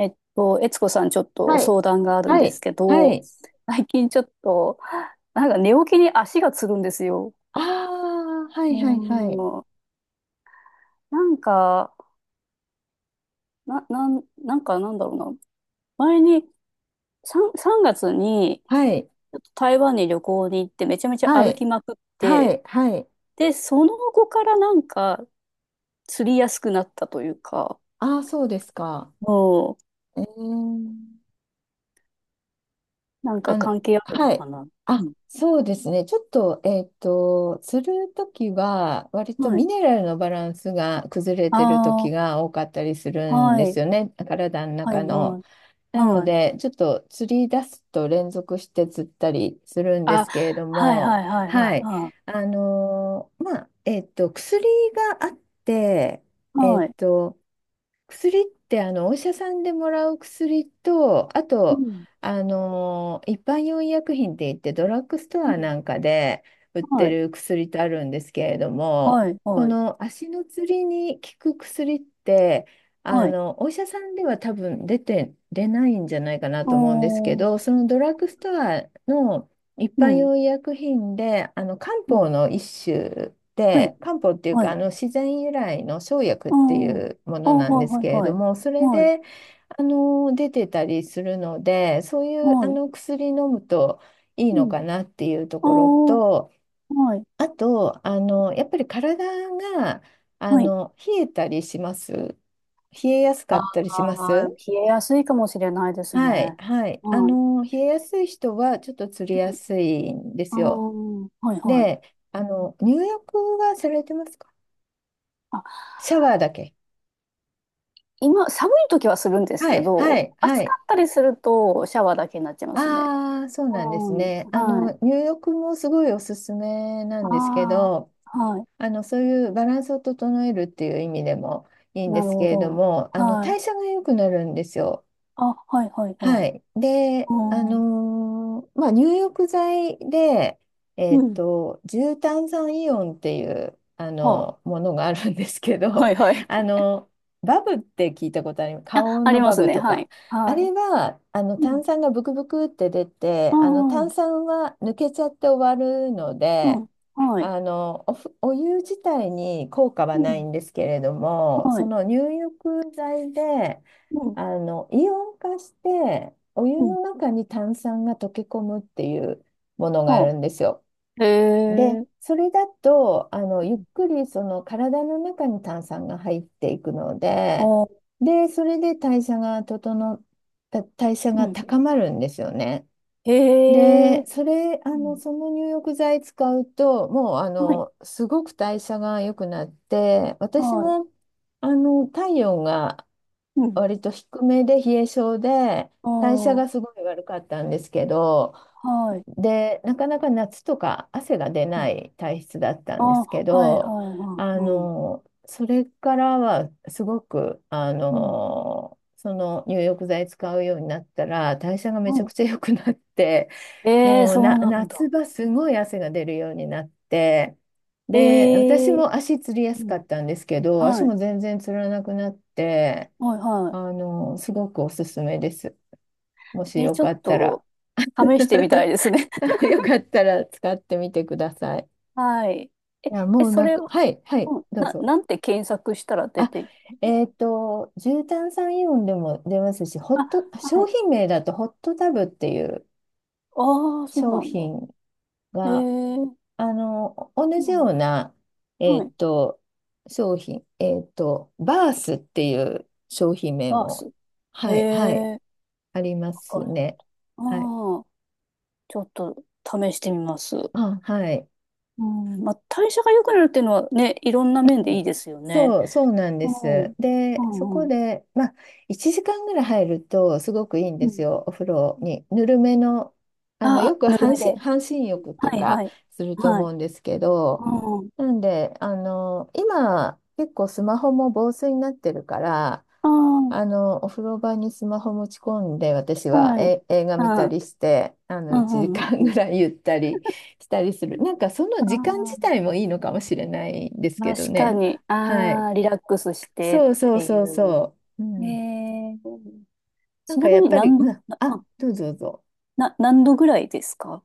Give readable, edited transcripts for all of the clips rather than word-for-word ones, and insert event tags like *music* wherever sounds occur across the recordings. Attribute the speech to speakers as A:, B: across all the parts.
A: 悦子さん、ちょっと
B: はい。
A: 相談があるん
B: は
A: で
B: い。
A: すけ
B: は
A: ど、
B: い。
A: 最近ちょっと、なんか寝起きに足がつるんですよ。
B: ああ、は
A: う
B: いはいはい。
A: ーん、なんか、なんかなんだろうな。前に、3月に、
B: はい。
A: ちょっと台湾に旅行に行って、めちゃめちゃ
B: は
A: 歩き
B: い。
A: まくっ
B: は
A: て、
B: い。はい。
A: で、その後からなんか、釣りやすくなったというか、
B: ああ、そうですか。
A: も
B: えー、
A: なん
B: あ
A: か
B: の、
A: 関係あるの
B: はい。
A: かな。う
B: あ、
A: ん。
B: そうですね。ちょっと、するときは、割と
A: はい。
B: ミネラルのバランスが崩れてるとき
A: あ
B: が多かったりす
A: あ、
B: るん
A: は
B: です
A: い、
B: よね。体の
A: は
B: 中
A: い、は
B: の。
A: い、
B: なので、ちょっと釣り出すと連続して釣ったりするんで
A: あ、
B: すけれど
A: はい
B: も、
A: はいはいは
B: は
A: い。
B: い。
A: あ、
B: 薬があって、えっ
A: はい。
B: と、薬って、あのお医者さんでもらう薬と、あ
A: う
B: と、
A: ん。
B: あの一般用医薬品って言って、ドラッグスト
A: う
B: ア
A: ん。
B: なんかで売って
A: はい。
B: る薬とあるんですけれども、
A: はい。
B: こ
A: はい。
B: の足のつりに効く薬って、あ
A: はい。
B: のお医者さんでは多分出ないんじゃないかなと思うんですけ
A: お
B: ど、
A: ー。
B: そのドラッグストアの一
A: う
B: 般
A: ん。
B: 用医薬品で、あの漢
A: うん。
B: 方の一種
A: は
B: で、
A: い。
B: 漢方っていう
A: は
B: か、あ
A: い。
B: の自然由来の生薬ってい
A: おー。
B: うも
A: あ、
B: のなん
A: はい
B: です
A: はい
B: けれ
A: は
B: ど
A: い。
B: も、それ
A: はい。
B: で、出てたりするので、そういう
A: はい。
B: 薬飲むといい
A: う
B: の
A: ん。
B: かなっていうところ
A: おー。
B: と、
A: はい。
B: あと、あのやっぱり体があ
A: はい。
B: の冷えたりします。冷えやすか
A: あ
B: ったりしま
A: あ、
B: す。
A: 冷えやすいかもしれないです
B: はい、
A: ね。
B: はい。あ
A: はい。
B: の冷えやすい人はちょっとつりや
A: うん。
B: すいんで
A: あ
B: すよ。
A: ー。はいはい。
B: で、あの、入浴はされてますか？
A: あ、
B: シャワーだけ。
A: 今、寒い時はするんです
B: は
A: け
B: い、は
A: ど、
B: い、は
A: 暑か
B: い。
A: ったりするとシャワーだけになっちゃいますね。
B: ああ、そう
A: う
B: なんです
A: ん。
B: ね。あ
A: は
B: の、
A: い。
B: 入浴もすごいおすすめなんですけ
A: あ
B: ど、
A: あ、はい。
B: あの、そういうバランスを整えるっていう意味でもいいんで
A: なる
B: す
A: ほ
B: けれど
A: ど。
B: も、あの、
A: はい。
B: 代謝が良くなるんですよ。
A: あ、はい、はい、は
B: は
A: い。
B: い。で、
A: うん。
B: 入浴剤で、
A: うん。
B: 重炭酸イオンっていう、あ
A: は
B: の、ものがあるんですけ
A: あ、は
B: ど、
A: い、は
B: *laughs*
A: い。
B: あ
A: *laughs*
B: の、バブって聞いたことあります？
A: あ、
B: 花王
A: あり
B: の
A: ま
B: バ
A: す
B: ブ
A: ね。
B: と
A: は
B: か。
A: い。
B: あ
A: はい。
B: れは、あの、
A: うん。
B: 炭酸がブクブクって出て、
A: あ
B: あの、炭
A: あ
B: 酸は抜けちゃって終わるの
A: う
B: で、
A: ん、はい。
B: あの、お湯自体に効果は
A: う
B: ない
A: ん。
B: んですけれども、
A: は
B: そ
A: い。
B: の入浴剤で、
A: うん。
B: あの、イオン化して、お湯
A: うん。
B: の中に炭酸が溶け込むっていうものがあ
A: は
B: るんですよ。
A: あ。へ
B: で、
A: え。
B: それだと、あの、ゆ
A: う
B: っ
A: ん。
B: くりその体の中に炭酸が入っていくので、
A: ああ、
B: で、それで代謝
A: うん。
B: が
A: う
B: 高
A: ん
B: まるんですよね。
A: へ
B: で、
A: え。
B: それ、あ
A: う
B: の、
A: ん。
B: その入浴剤使うと、もう、あ
A: はい。
B: の、すごく代謝が良くなって、私
A: はい。
B: も、あの、体温が
A: うん。
B: 割と低めで冷え性で、
A: あ
B: 代謝
A: あ、
B: がすごい悪かったんですけど、
A: はい。
B: でなかなか夏とか汗が出
A: う
B: な
A: ん。
B: い体質だった
A: あ
B: んで
A: あ、
B: すけ
A: はい、
B: ど、
A: はい、はい。
B: あ
A: うん。
B: のそれからはすごく、あ
A: うん。
B: のその入浴剤使うようになったら代謝がめ
A: は
B: ちゃく
A: い。
B: ちゃ良くなって、
A: ええ、
B: もう
A: そう
B: な
A: なんだ。
B: 夏場すごい汗が出るようになって。で、私
A: ええ。
B: も足つりや
A: う
B: すか
A: ん。
B: ったんですけど、足
A: はい。
B: も全然つらなくなって、
A: はいは
B: あの、すごくおすすめです。もし
A: い。え、
B: よ
A: ちょ
B: か
A: っ
B: った
A: と、
B: ら、
A: 試し
B: *laughs*
A: てみたいですね。*laughs*
B: よかったら使ってみてください。
A: はい。え、
B: いや、もう
A: そ
B: なん
A: れ
B: か、
A: を、
B: はい、はい、どうぞ。
A: なんて検索したら出
B: あ、
A: て、
B: 重炭酸イオンでも出ますし、ホ
A: あ、
B: ット、
A: は
B: 商
A: い。
B: 品名だとホットタブっていう
A: ああ、そう
B: 商
A: なんだ。
B: 品
A: え
B: が、
A: ー、
B: あの、同
A: う
B: じよ
A: ん、
B: うな、え
A: は
B: っ
A: い。
B: と、商品、バースっていう商品名
A: バー
B: も、
A: ス。え
B: はい、はい、
A: えー、
B: ありま
A: わか
B: す
A: る。
B: ね。
A: あ
B: はい。
A: あ、ちょっと試してみます。
B: あ、はい。
A: うん、まあ、代謝が良くなるっていうのはね、いろんな
B: う
A: 面でいい
B: ん、
A: ですよね。
B: そう、そうなんで
A: うん、
B: す。
A: う
B: で、そ
A: ん、う
B: こ
A: ん。
B: で、まあ、1時間ぐらい入るとすごくいいん
A: う
B: です
A: ん
B: よ、お風呂に。ぬるめの、あの、
A: あ
B: よ
A: あ、
B: く
A: ぬる
B: 半
A: め
B: 身、
A: で。
B: 半身浴と
A: はい、は
B: か
A: い。
B: すると
A: は
B: 思
A: い。
B: うんですけど、
A: うん。
B: なんで、あの、今、結構スマホも防水になってるから、
A: ああ、
B: あの、お風呂場にスマホ持ち込んで、私は
A: はい。
B: 映画見た
A: あー、
B: りして、あの、
A: うん
B: 1
A: うんうん
B: 時間
A: う
B: ぐ
A: ん。
B: らいゆったりしたりする。なんかその
A: あ
B: 時間自体もいいのかもしれないです
A: あ、
B: けど
A: 確か
B: ね。
A: に。
B: はい。
A: ああ、リラックスしてっ
B: そうそう
A: て
B: そ
A: い
B: う
A: う。
B: そう。う
A: え
B: ん。
A: え
B: なん
A: ち
B: か
A: な
B: や
A: み
B: っ
A: に
B: ぱり、
A: 何
B: う
A: 度、
B: ん、
A: な、
B: あ、
A: あ、
B: どうぞどうぞ。
A: な、何度ぐらいですか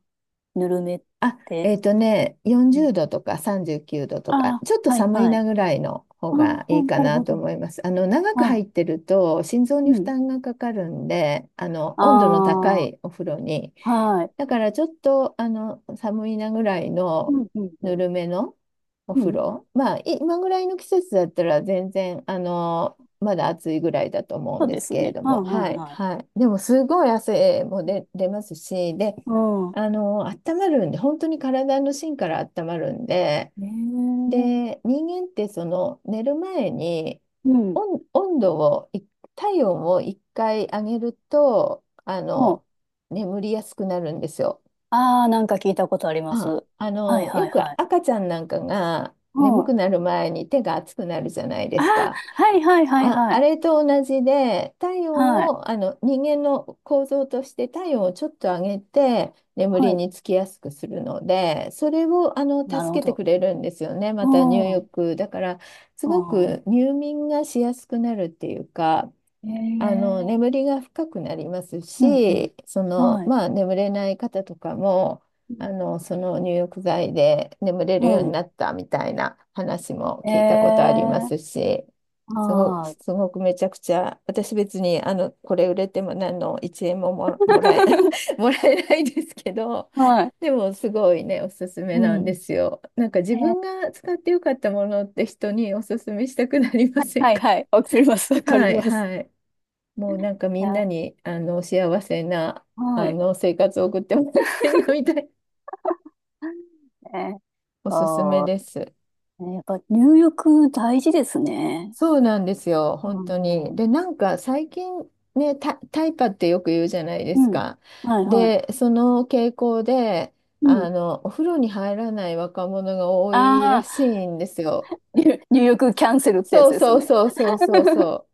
A: ぬるめっ
B: あ、
A: て。
B: えっとね、
A: う
B: 40
A: ん
B: 度とか39度と
A: あ
B: か、ちょっと
A: あ、はい
B: 寒い
A: はい。
B: なぐらいの方
A: ああ、
B: がいいか
A: なる
B: な
A: ほ
B: と
A: ど。
B: 思います。あの、長く
A: あ、
B: 入ってると心臓
A: う
B: に負
A: ん。
B: 担がかかるんで、あの、温度の高
A: ああ、
B: いお風呂に。
A: はい。
B: だからちょっと、あの、寒いなぐらい
A: う
B: の
A: んうん
B: ぬ
A: うん。
B: るめのお
A: う
B: 風
A: ん。
B: 呂。まあ、今ぐらいの季節だったら全然、あの、まだ暑いぐらいだと思うん
A: そう
B: で
A: で
B: す
A: す
B: けれ
A: ね。
B: ど
A: あ、
B: も、
A: は
B: は
A: い
B: い、
A: はい。
B: はい。でもすごい汗も
A: うん。
B: 出ますし、で、
A: うん
B: あの、温まるんで、本当に体の芯から温まるんで、
A: ええ
B: で、人間ってその寝る前に
A: うん。
B: 温度をい、体温を一回上げると、あの、眠りやすくなるんですよ。
A: ああー、なんか聞いたことあります。
B: あ、あ
A: はい
B: の、よ
A: はい
B: く
A: はい。
B: 赤ちゃんなんかが
A: う
B: 眠
A: ん。あ
B: くなる前に手が熱くなるじゃないで
A: あ、
B: すか。
A: はいはいはい
B: あ、
A: は
B: あ
A: い。
B: れと同じで、体
A: は
B: 温
A: い。
B: を、あの、人間の構造として体温をちょっと上げて、眠
A: は
B: り
A: い。
B: につきやすくするので、それを、あの、
A: なる
B: 助
A: ほ
B: けて
A: ど。
B: くれるんですよね。
A: う
B: また入
A: ん。
B: 浴。だから、す
A: う
B: ご
A: ん。
B: く入眠がしやすくなるっていうか、あの
A: ええ
B: 眠りが深くなります
A: うん、うん。
B: し、その
A: はい。
B: まあ、眠れない方とかも、
A: う
B: あ
A: ん
B: のその入浴剤で眠れるよう
A: は
B: に
A: い。
B: なったみたいな話も
A: え
B: 聞いたことあります
A: え
B: し、
A: ああ。
B: すごくめちゃくちゃ、私別にあのこれ売れても何の1円もも、もらえ、
A: *laughs*
B: *laughs* もらえないですけど、
A: はい。
B: でもすごいね、おすすめ
A: う
B: なんで
A: ん。
B: すよ。なんか自
A: ええ
B: 分が使ってよかったものって人におすすめしたくなりま
A: *laughs*
B: せん
A: はい
B: か？
A: はい。わかります。わ
B: *laughs*
A: か
B: は
A: り
B: い
A: ます。
B: はい。もうなんか
A: い
B: みん
A: や
B: なにあの幸せな
A: は
B: あ
A: い。
B: の生活を送ってもらいたいなみたい、
A: えー、
B: おすすめです。
A: ねやっぱ入浴大事ですね。
B: そうなんですよ、
A: あ
B: 本当に。
A: の、
B: で、なんか最近ね、タイパってよく言うじゃないで
A: う
B: す
A: ん。
B: か。
A: はいはい。
B: で、その傾向で、
A: う
B: あ
A: ん。
B: の、お風呂に入らない若者が多いら
A: ああ、
B: しいんですよ。
A: 入入浴キャンセルってや
B: そ
A: つ
B: う
A: です
B: そう
A: ね。
B: そうそうそうそ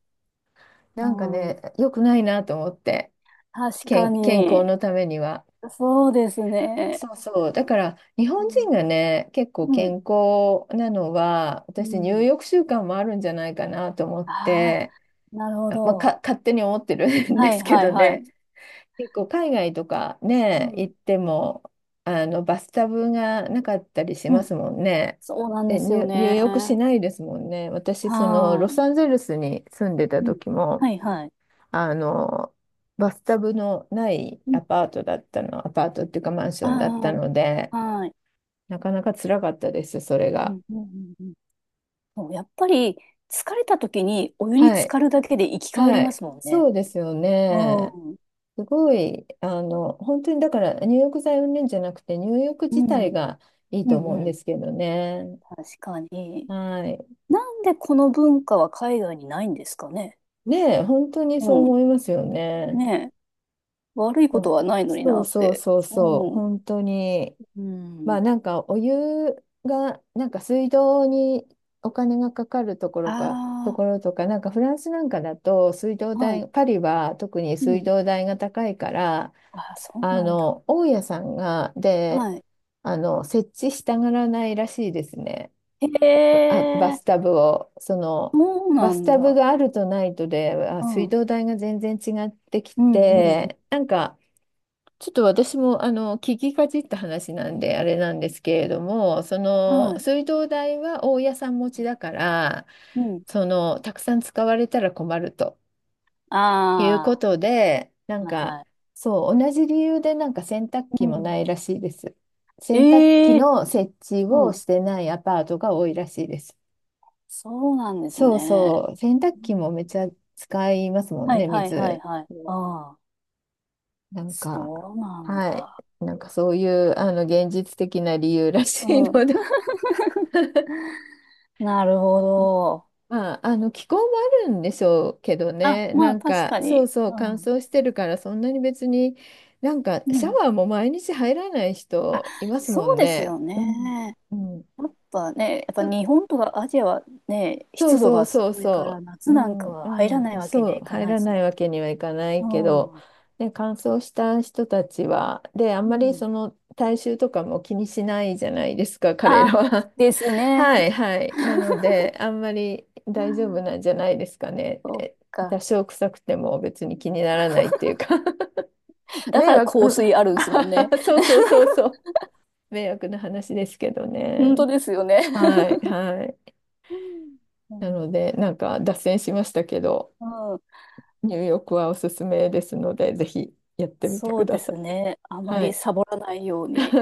B: う。なんかね、良くないなと思って、
A: 確か
B: 健康
A: に。
B: のためには。
A: そうですね。
B: そうそう。だから、日本人がね、結構
A: うん、うん。
B: 健康なのは、私、入浴習慣もあるんじゃないかなと思っ
A: ああ、
B: て、
A: なるほ
B: まあ、
A: ど。
B: 勝手に思ってる *laughs* んで
A: はい、
B: すけ
A: はい、
B: ど
A: は
B: ね、
A: い。
B: 結構海外とか
A: う
B: ね、
A: ん。
B: 行っても、あの、バスタブがなかったりし
A: う
B: ま
A: ん。
B: すもんね。
A: そうなん
B: で、
A: ですよ
B: 入
A: ね。
B: 浴し
A: は
B: ないですもんね。私、その、
A: ー
B: ロ
A: い。
B: サンゼルスに住んでた
A: うん。
B: 時も、
A: はい、はい。
B: あの、バスタブのない
A: うん。
B: アパートだったの、アパートっていうかマンションだった
A: あ
B: ので、
A: あ、はい。
B: なかなか辛かったです、それ
A: う
B: が。
A: ん、うん、うんうん。そう、やっぱり、疲れた時にお湯に
B: は
A: 浸
B: い。
A: かるだけで生き返り
B: は
A: ま
B: い。
A: すもんね。
B: そうですよ
A: う
B: ね。
A: ん。
B: すごい、あの、本当にだから入浴剤云々じゃなくて、入浴
A: う
B: 自体
A: ん。
B: がいい
A: う
B: と
A: ん、
B: 思うん
A: うん。
B: ですけどね。
A: 確かに。
B: はい。
A: なんでこの文化は海外にないんですかね。
B: ねえ、本当にそう
A: う
B: 思
A: ん。
B: いますよね。
A: ね悪い
B: う
A: こと
B: ん、
A: はないのに
B: そ
A: な
B: う
A: っ
B: そう
A: て。
B: そうそう、
A: うん。
B: 本当に。
A: う
B: まあ、
A: ん。
B: なんかお湯がなんか水道にお金がかかるところかと
A: あ
B: ころとかなんかフランスなんかだと水道
A: あ、はい。
B: 代、パリは特に
A: う
B: 水
A: ん。
B: 道代が高いから、
A: ああ、そう
B: あ
A: なんだ。
B: の大家さんが、で
A: はい。
B: あの設置したがらないらしいですね、
A: へ
B: バ
A: え、
B: スタブを。その、
A: そう
B: バ
A: な
B: ス
A: ん
B: タブ
A: だ。
B: があるとないとで、あ、
A: う
B: 水
A: ん。
B: 道代が全然違ってき
A: うん、うん、うん。
B: て、なんかちょっと私もあの聞きかじった話なんであれなんですけれども、その
A: はい。
B: 水道代は大家さん持ちだから、
A: うん。
B: そのたくさん使われたら困るというこ
A: あ
B: とで、な
A: あ、
B: ん
A: はい、
B: か
A: はい。
B: そう同じ理由でなんか洗濯
A: う
B: 機も
A: ん。
B: ないらしいです。洗濯機
A: ええ、
B: の設置
A: う
B: を
A: ん。
B: してないアパートが多いらしいです。
A: そうなんです
B: そう
A: ね。
B: そう、洗濯機もめっちゃ使いますもん
A: はい、
B: ね、
A: はい、はい、
B: 水。
A: はい。ああ、
B: なんか、
A: そうなん
B: はい。
A: だ。
B: なんかそういう、あの、現実的な理由らし
A: う
B: いの
A: ん。
B: で、
A: なるほど。
B: *laughs* まあ、あの気候もあるんでしょうけど
A: あ、
B: ね、
A: ま
B: な
A: あ、
B: ん
A: 確
B: か
A: か
B: そう、
A: に。
B: そ
A: う
B: う乾
A: ん。
B: 燥してるからそんなに別に、なんか
A: う
B: シャ
A: ん。
B: ワーも毎日入らない
A: あ、
B: 人いますも
A: そう
B: ん
A: です
B: ね。
A: よ
B: うん、
A: ね。
B: うん、
A: やっぱね、やっぱ日本とかアジアはね、
B: そう
A: 湿度
B: そう
A: がす
B: そう
A: ごいから、
B: そ
A: 夏
B: う。う
A: なん
B: ん
A: かは入らな
B: う
A: い
B: ん。
A: わけに
B: そ
A: は
B: う、
A: いか
B: 入
A: ないで
B: ら
A: すよ
B: ない
A: ね。
B: わけにはいかな
A: う
B: いけど、
A: ん。う
B: ね、乾燥した人たちは、で、あんまりそ
A: ん。
B: の体臭とかも気にしないじゃないですか、彼ら
A: あ、
B: は。
A: です
B: *laughs*
A: ね。
B: はいはい。なので、あんまり大丈夫なんじゃないですかね。
A: そっ
B: え、多
A: か。
B: 少臭くても別に気にならないっていうか、 *laughs* 迷
A: だから
B: 惑、
A: 香水
B: う
A: あるん
B: ん、
A: ですもんね。
B: *laughs* そうそうそうそう。迷惑な話ですけど
A: 本
B: ね。
A: 当ですよね。
B: はいはい。
A: うん。う
B: なので、なんか脱線しましたけど。
A: ん。
B: 入浴はおすすめですので、ぜひやってみて
A: そ
B: く
A: う
B: だ
A: で
B: さ
A: す
B: い。
A: ね。あま
B: は
A: り
B: い。
A: サボらないように。